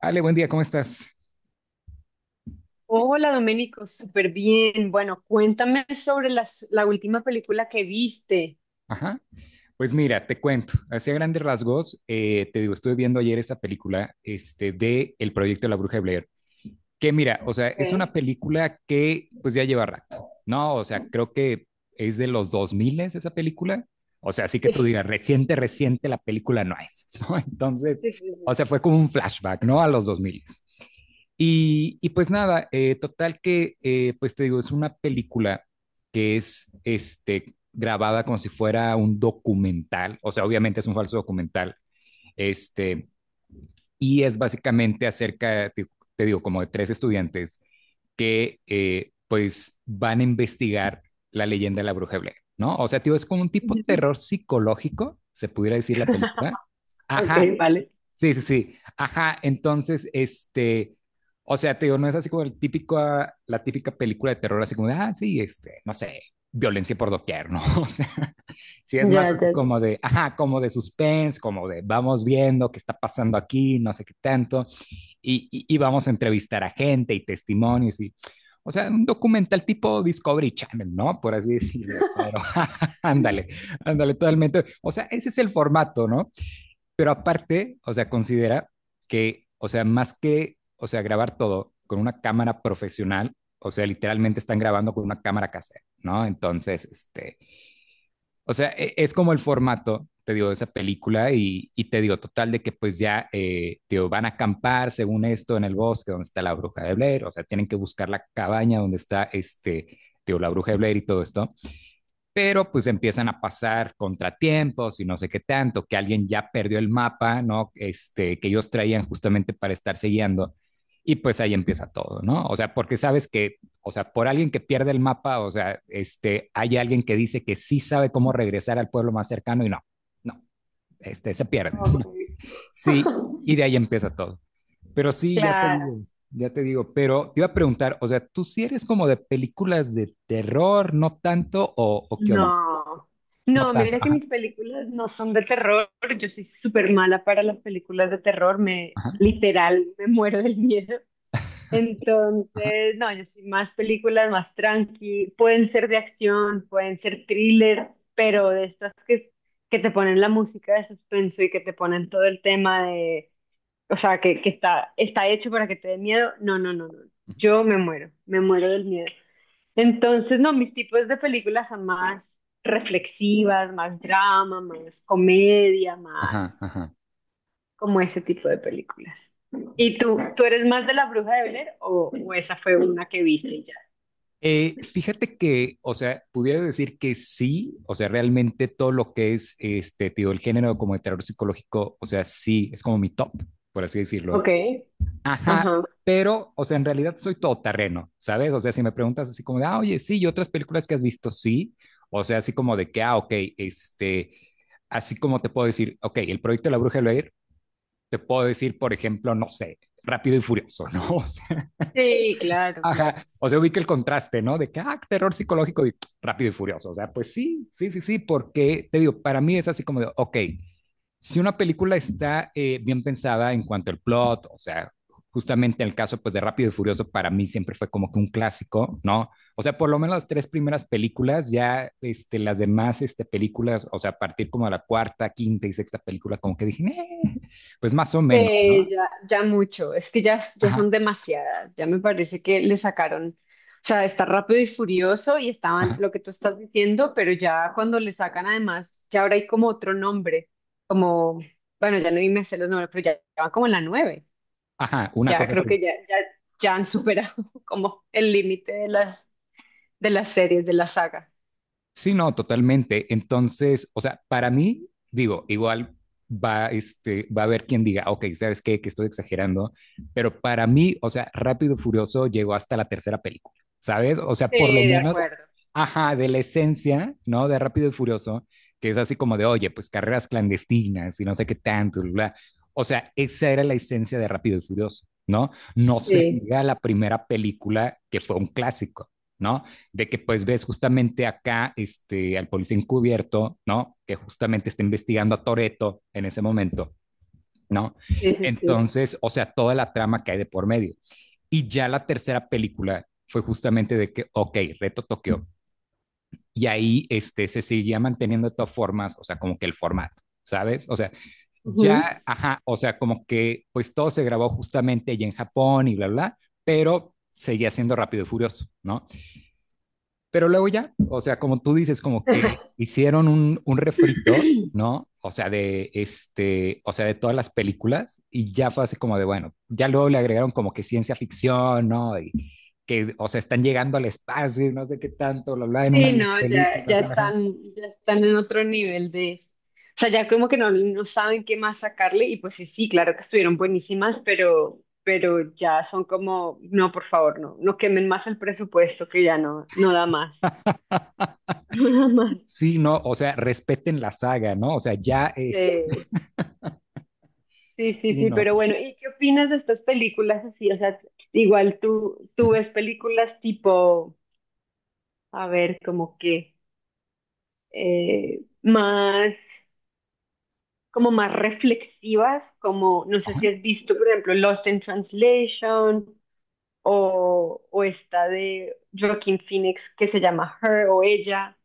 Ale, buen día, ¿cómo estás? Hola, Domenico, súper bien. Bueno, cuéntame sobre la última película que viste. Ajá. Pues mira, te cuento, así a grandes rasgos, te digo, estuve viendo ayer esa película de El proyecto de la Bruja de Blair. Que mira, o sea, es ¿Eh? una película que pues ya lleva rato, ¿no? O sea, creo que es de los 2000 esa película. O sea, así que tú digas, reciente, reciente, la película no es, ¿no? Entonces, Sí, sí, sí, o sí. sea, fue como un flashback, ¿no? A los 2000. Y pues nada, total que, pues te digo, es una película que es grabada como si fuera un documental, o sea, obviamente es un falso documental, este, y es básicamente acerca, te digo, como de tres estudiantes que pues van a investigar la leyenda de la bruja de Blair, ¿no? O sea, tío, es como un tipo Ujú. terror psicológico, se pudiera decir la película. Ok, Ajá, vale. sí, sí, sí, ajá, entonces, o sea, tío, no es así como el típico, ah, la típica película de terror, así como, de, ah, sí, no sé, violencia por doquier, ¿no? O sea, sí es más Ya, así ya, ya. como de, ajá, como de suspense, como de, vamos viendo qué está pasando aquí, no sé qué tanto y vamos a entrevistar a gente y testimonios y, o sea, un documental tipo Discovery Channel, ¿no? Por así decirlo, pero ándale, ándale totalmente. O sea, ese es el formato, ¿no? Pero aparte, o sea, considera que, o sea, más que, o sea, grabar todo con una cámara profesional, o sea, literalmente están grabando con una cámara casera, ¿no? Entonces, o sea, es como el formato, te digo, de esa película y te digo, total, de que pues ya, te digo, van a acampar según esto en el bosque donde está la bruja de Blair, o sea, tienen que buscar la cabaña donde está te digo, la bruja de Blair y todo esto pero pues empiezan a pasar contratiempos y no sé qué tanto, que alguien ya perdió el mapa, ¿no? Que ellos traían justamente para estarse guiando. Y pues ahí empieza todo, ¿no? O sea, porque sabes que, o sea, por alguien que pierde el mapa, o sea, hay alguien que dice que sí sabe cómo regresar al pueblo más cercano y no, no, se pierde. Ok. Sí, y de ahí empieza todo. Pero sí, Claro. ya te digo, pero te iba a preguntar, o sea, ¿tú si sí eres como de películas de terror, no tanto, o qué onda? No. No No, tanto. mira que Ajá, mis películas no son de terror. Yo soy súper mala para las películas de terror. Me, ajá, literal, me muero del miedo. ajá, Entonces, no, yo soy más películas, más tranqui, pueden ser de acción, pueden ser thrillers, pero de estas que te ponen la música de suspenso y que te ponen todo el tema de, o sea, que está, está hecho para que te dé miedo, no, no, no, no, ujú, yo me muero del miedo. Entonces, no, mis tipos de películas son más reflexivas, más drama, más comedia, más ajá, ajá. como ese tipo de películas. ¿Y tú eres más de La Bruja de Blair o esa fue una que viste y ya? Fíjate que, o sea, pudiera decir que sí, o sea, realmente todo lo que es, tío, el género como de terror psicológico, o sea, sí, es como mi top, por así Ok, decirlo. Ajá, ajá. pero, o sea, en realidad soy todoterreno, ¿sabes? O sea, si me preguntas así como de, ah, oye, sí, y otras películas que has visto, sí, o sea, así como de que, ah, ok, así como te puedo decir, ok, el proyecto de la Bruja de Blair, te puedo decir, por ejemplo, no sé, Rápido y Furioso, ¿no? O sea, Sí, claro, claro. ajá, o sea, ubica el contraste, ¿no? De que, ah, terror psicológico y rápido y furioso. O sea, pues sí, sí, sí, sí, porque te digo, para mí es así como de, ok, si una película está bien pensada en cuanto al plot, o sea, justamente en el caso pues de Rápido y Furioso para mí siempre fue como que un clásico, ¿no? O sea, por lo menos las tres primeras películas, ya las demás películas, o sea, a partir como de la cuarta, quinta y sexta película, como que dije, pues más o menos, ¿no? Ya, ya mucho, es que ya, ya Ajá, son demasiadas, ya me parece que le sacaron, o sea, está rápido y furioso y estaban ajá, lo que tú estás diciendo, pero ya cuando le sacan además, ya ahora hay como otro nombre, como, bueno, ya no me sé los nombres, pero ya, ya van como en la nueve, ajá, una ya cosa creo así. que ya, ya, ya han superado como el límite de las series, de la saga. Sí, no, totalmente. Entonces, o sea, para mí, digo, igual va a haber quien diga, ok, ¿sabes qué? Que estoy exagerando, pero para mí, o sea, Rápido y Furioso llegó hasta la tercera película, ¿sabes? O sea, Sí, por lo de menos, acuerdo. ajá, de la esencia, ¿no? De Rápido y Furioso, que es así como de, oye, pues carreras clandestinas y no sé qué tanto, bla, bla. O sea, esa era la esencia de Rápido y Furioso, ¿no? No se Sí, diga la primera película que fue un clásico. ¿No? De que pues ves justamente acá al policía encubierto, ¿no? Que justamente está investigando a Toreto en ese momento, ¿no? sí, sí, sí. Entonces, o sea, toda la trama que hay de por medio. Y ya la tercera película fue justamente de que, ok, reto Tokio. Y ahí se seguía manteniendo de todas formas, o sea, como que el formato, ¿sabes? O sea, Ujú. ya, ajá, o sea, como que pues todo se grabó justamente allí en Japón y bla, bla, bla pero seguía siendo rápido y furioso, ¿no? Pero luego ya, o sea, como tú dices, como que hicieron un refrito, ¿no? O sea, de o sea, de todas las películas y ya fue así como de, bueno, ya luego le agregaron como que ciencia ficción, ¿no? Y que, o sea, están llegando al espacio y no sé qué tanto, lo habla en una Sí, de las no, ya, películas, ajá. Ya están en otro nivel de, o sea, ya como que no, no saben qué más sacarle y pues sí, sí, claro que estuvieron buenísimas, pero ya son como, no, por favor, no, no quemen más el presupuesto que ya no, no da más, no da más. Sí, no, o sea, respeten la saga, ¿no? O sea, ya es, Sí, sí, sí, sí, sí, no. pero bueno, ¿y qué opinas de estas películas así? O sea, igual tú ves películas tipo a ver, como que más, como más reflexivas, como, no sé si Ajá, has visto, por ejemplo, Lost in Translation o esta de Joaquin Phoenix que se llama Her o Ella,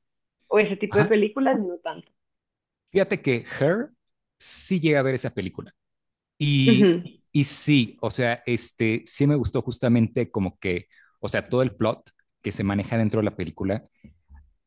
o ese tipo de ajá. películas, no tanto. Fíjate que Her sí llega a ver esa película. Y, Ujú. y sí, o sea, sí me gustó justamente como que, o sea, todo el plot que se maneja dentro de la película.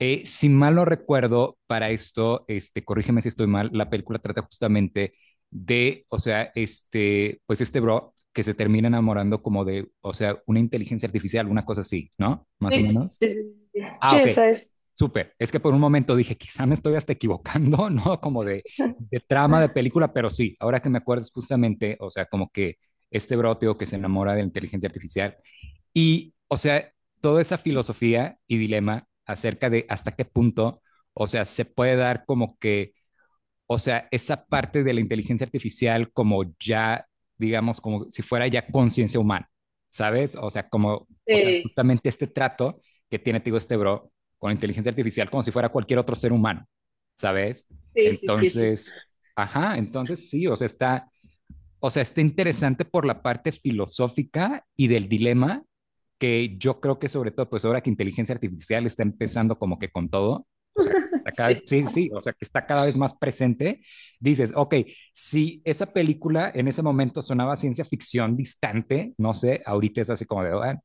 Si mal no recuerdo, para esto, corrígeme si estoy mal, la película trata justamente de, o sea, pues este bro que se termina enamorando como de, o sea, una inteligencia artificial, una cosa así, ¿no? Más o Sí, menos. sí, sí, sí. Ah, Sí, ok. esa es. Súper. Es que por un momento dije, quizá me estoy hasta equivocando, ¿no? Como de, de trama de película, pero sí, ahora que me acuerdas justamente, o sea, como que este broteo que se enamora de la inteligencia artificial y, o sea, toda esa filosofía y dilema acerca de hasta qué punto, o sea, se puede dar como que o sea, esa parte de la inteligencia artificial como ya, digamos, como si fuera ya conciencia humana, ¿sabes? O sea, como, o sea, Sí, justamente este trato que tiene, te digo, este bro con la inteligencia artificial como si fuera cualquier otro ser humano, ¿sabes? sí, sí, sí. Sí. Sí. Entonces, ajá, entonces sí, o sea, está interesante por la parte filosófica y del dilema que yo creo que sobre todo, pues ahora que inteligencia artificial está empezando como que con todo, o sea, está cada vez, Sí. sí, sí, o sea, que está cada vez más presente, dices, ok, si esa película en ese momento sonaba ciencia ficción distante, no sé, ahorita es así como de, "Ah,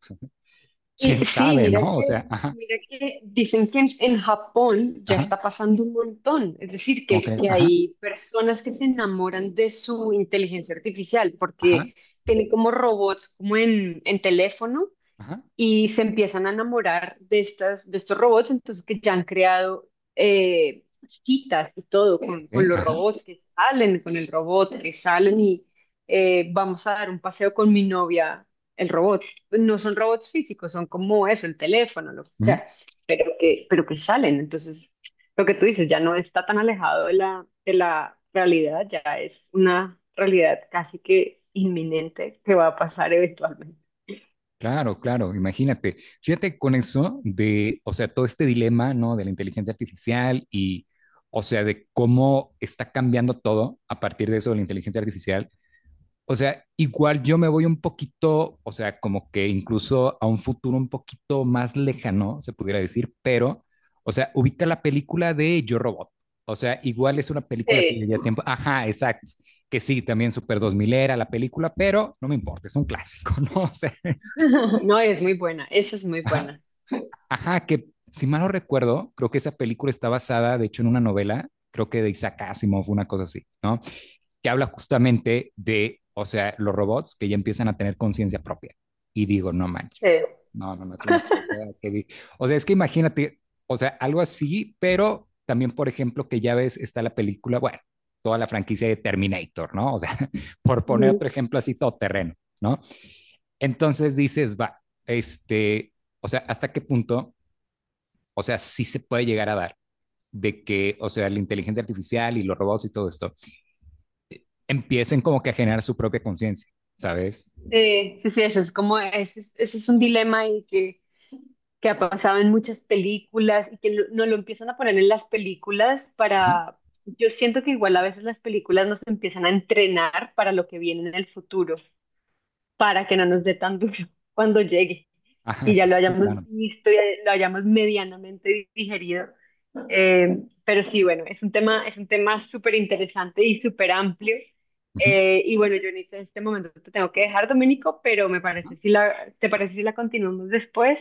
Y quién sí, sabe", ¿no? O sea, ajá, mira que dicen que en Japón ya ajá, está pasando un montón. Es decir, ¿cómo crees? que Ajá, hay personas que se enamoran de su inteligencia artificial ajá, porque tiene como robots, como en teléfono, ajá, y se empiezan a enamorar de estas, de estos robots, entonces que ya han creado citas y todo con, ok, con los ajá, robots que salen, con el robot que salen y vamos a dar un paseo con mi novia, el robot. Pues no son robots físicos, son como eso, el teléfono, lo que mm, sea, pero que salen. Entonces, lo que tú dices ya no está tan alejado de de la realidad, ya es una realidad casi que inminente que va a pasar eventualmente. claro, claro, imagínate. Fíjate con eso de, o sea, todo este dilema, ¿no? De la inteligencia artificial y, o sea, de cómo está cambiando todo a partir de eso de la inteligencia artificial. O sea, igual yo me voy un poquito, o sea, como que incluso a un futuro un poquito más lejano, se pudiera decir, pero, o sea, ubica la película de Yo Robot. O sea, igual es una película que ya Sí. lleva tiempo. Ajá, exacto. Que sí, también Super 2000 era la película, pero no me importa, es un clásico, ¿no? O sea, No, es muy buena, esa es muy ajá. buena. Ajá, que si mal no recuerdo, creo que esa película está basada, de hecho, en una novela, creo que de Isaac Asimov, una cosa así, ¿no? Que habla justamente de, o sea, los robots que ya empiezan a tener conciencia propia. Y digo, no Sí. manches. No, no, no, es una cosa que o sea, es que imagínate, o sea, algo así, pero también, por ejemplo, que ya ves, está la película, bueno, toda la franquicia de Terminator, ¿no? O sea, por poner Ujú. otro ejemplo así, todoterreno, ¿no? Entonces dices, o sea, ¿hasta qué punto o sea, sí se puede llegar a dar de que, o sea, la inteligencia artificial y los robots y todo esto empiecen como que a generar su propia conciencia, ¿sabes? Sí, sí, sí, eso es como, ese es un dilema y que ha pasado en muchas películas y que no lo empiezan a poner en las películas Ajá, para, yo siento que igual a veces las películas nos empiezan a entrenar para lo que viene en el futuro, para que no nos dé tan duro cuando llegue ajá, y ya sí, lo hayamos claro. visto y lo hayamos medianamente digerido. Pero sí, bueno, es un tema súper interesante y súper amplio. Ujú. Y bueno, yo en este momento te tengo que dejar, Dominico, pero me parece si la, ¿te parece si la continuamos después?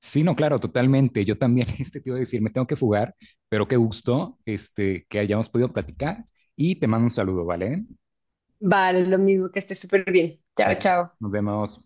Sí, no, claro, totalmente. Yo también te iba a decir, me tengo que fugar, pero qué gusto que hayamos podido platicar y te mando un saludo, ¿vale? Vale, lo mismo, que estés súper bien. Chao, Ven, chao. nos vemos.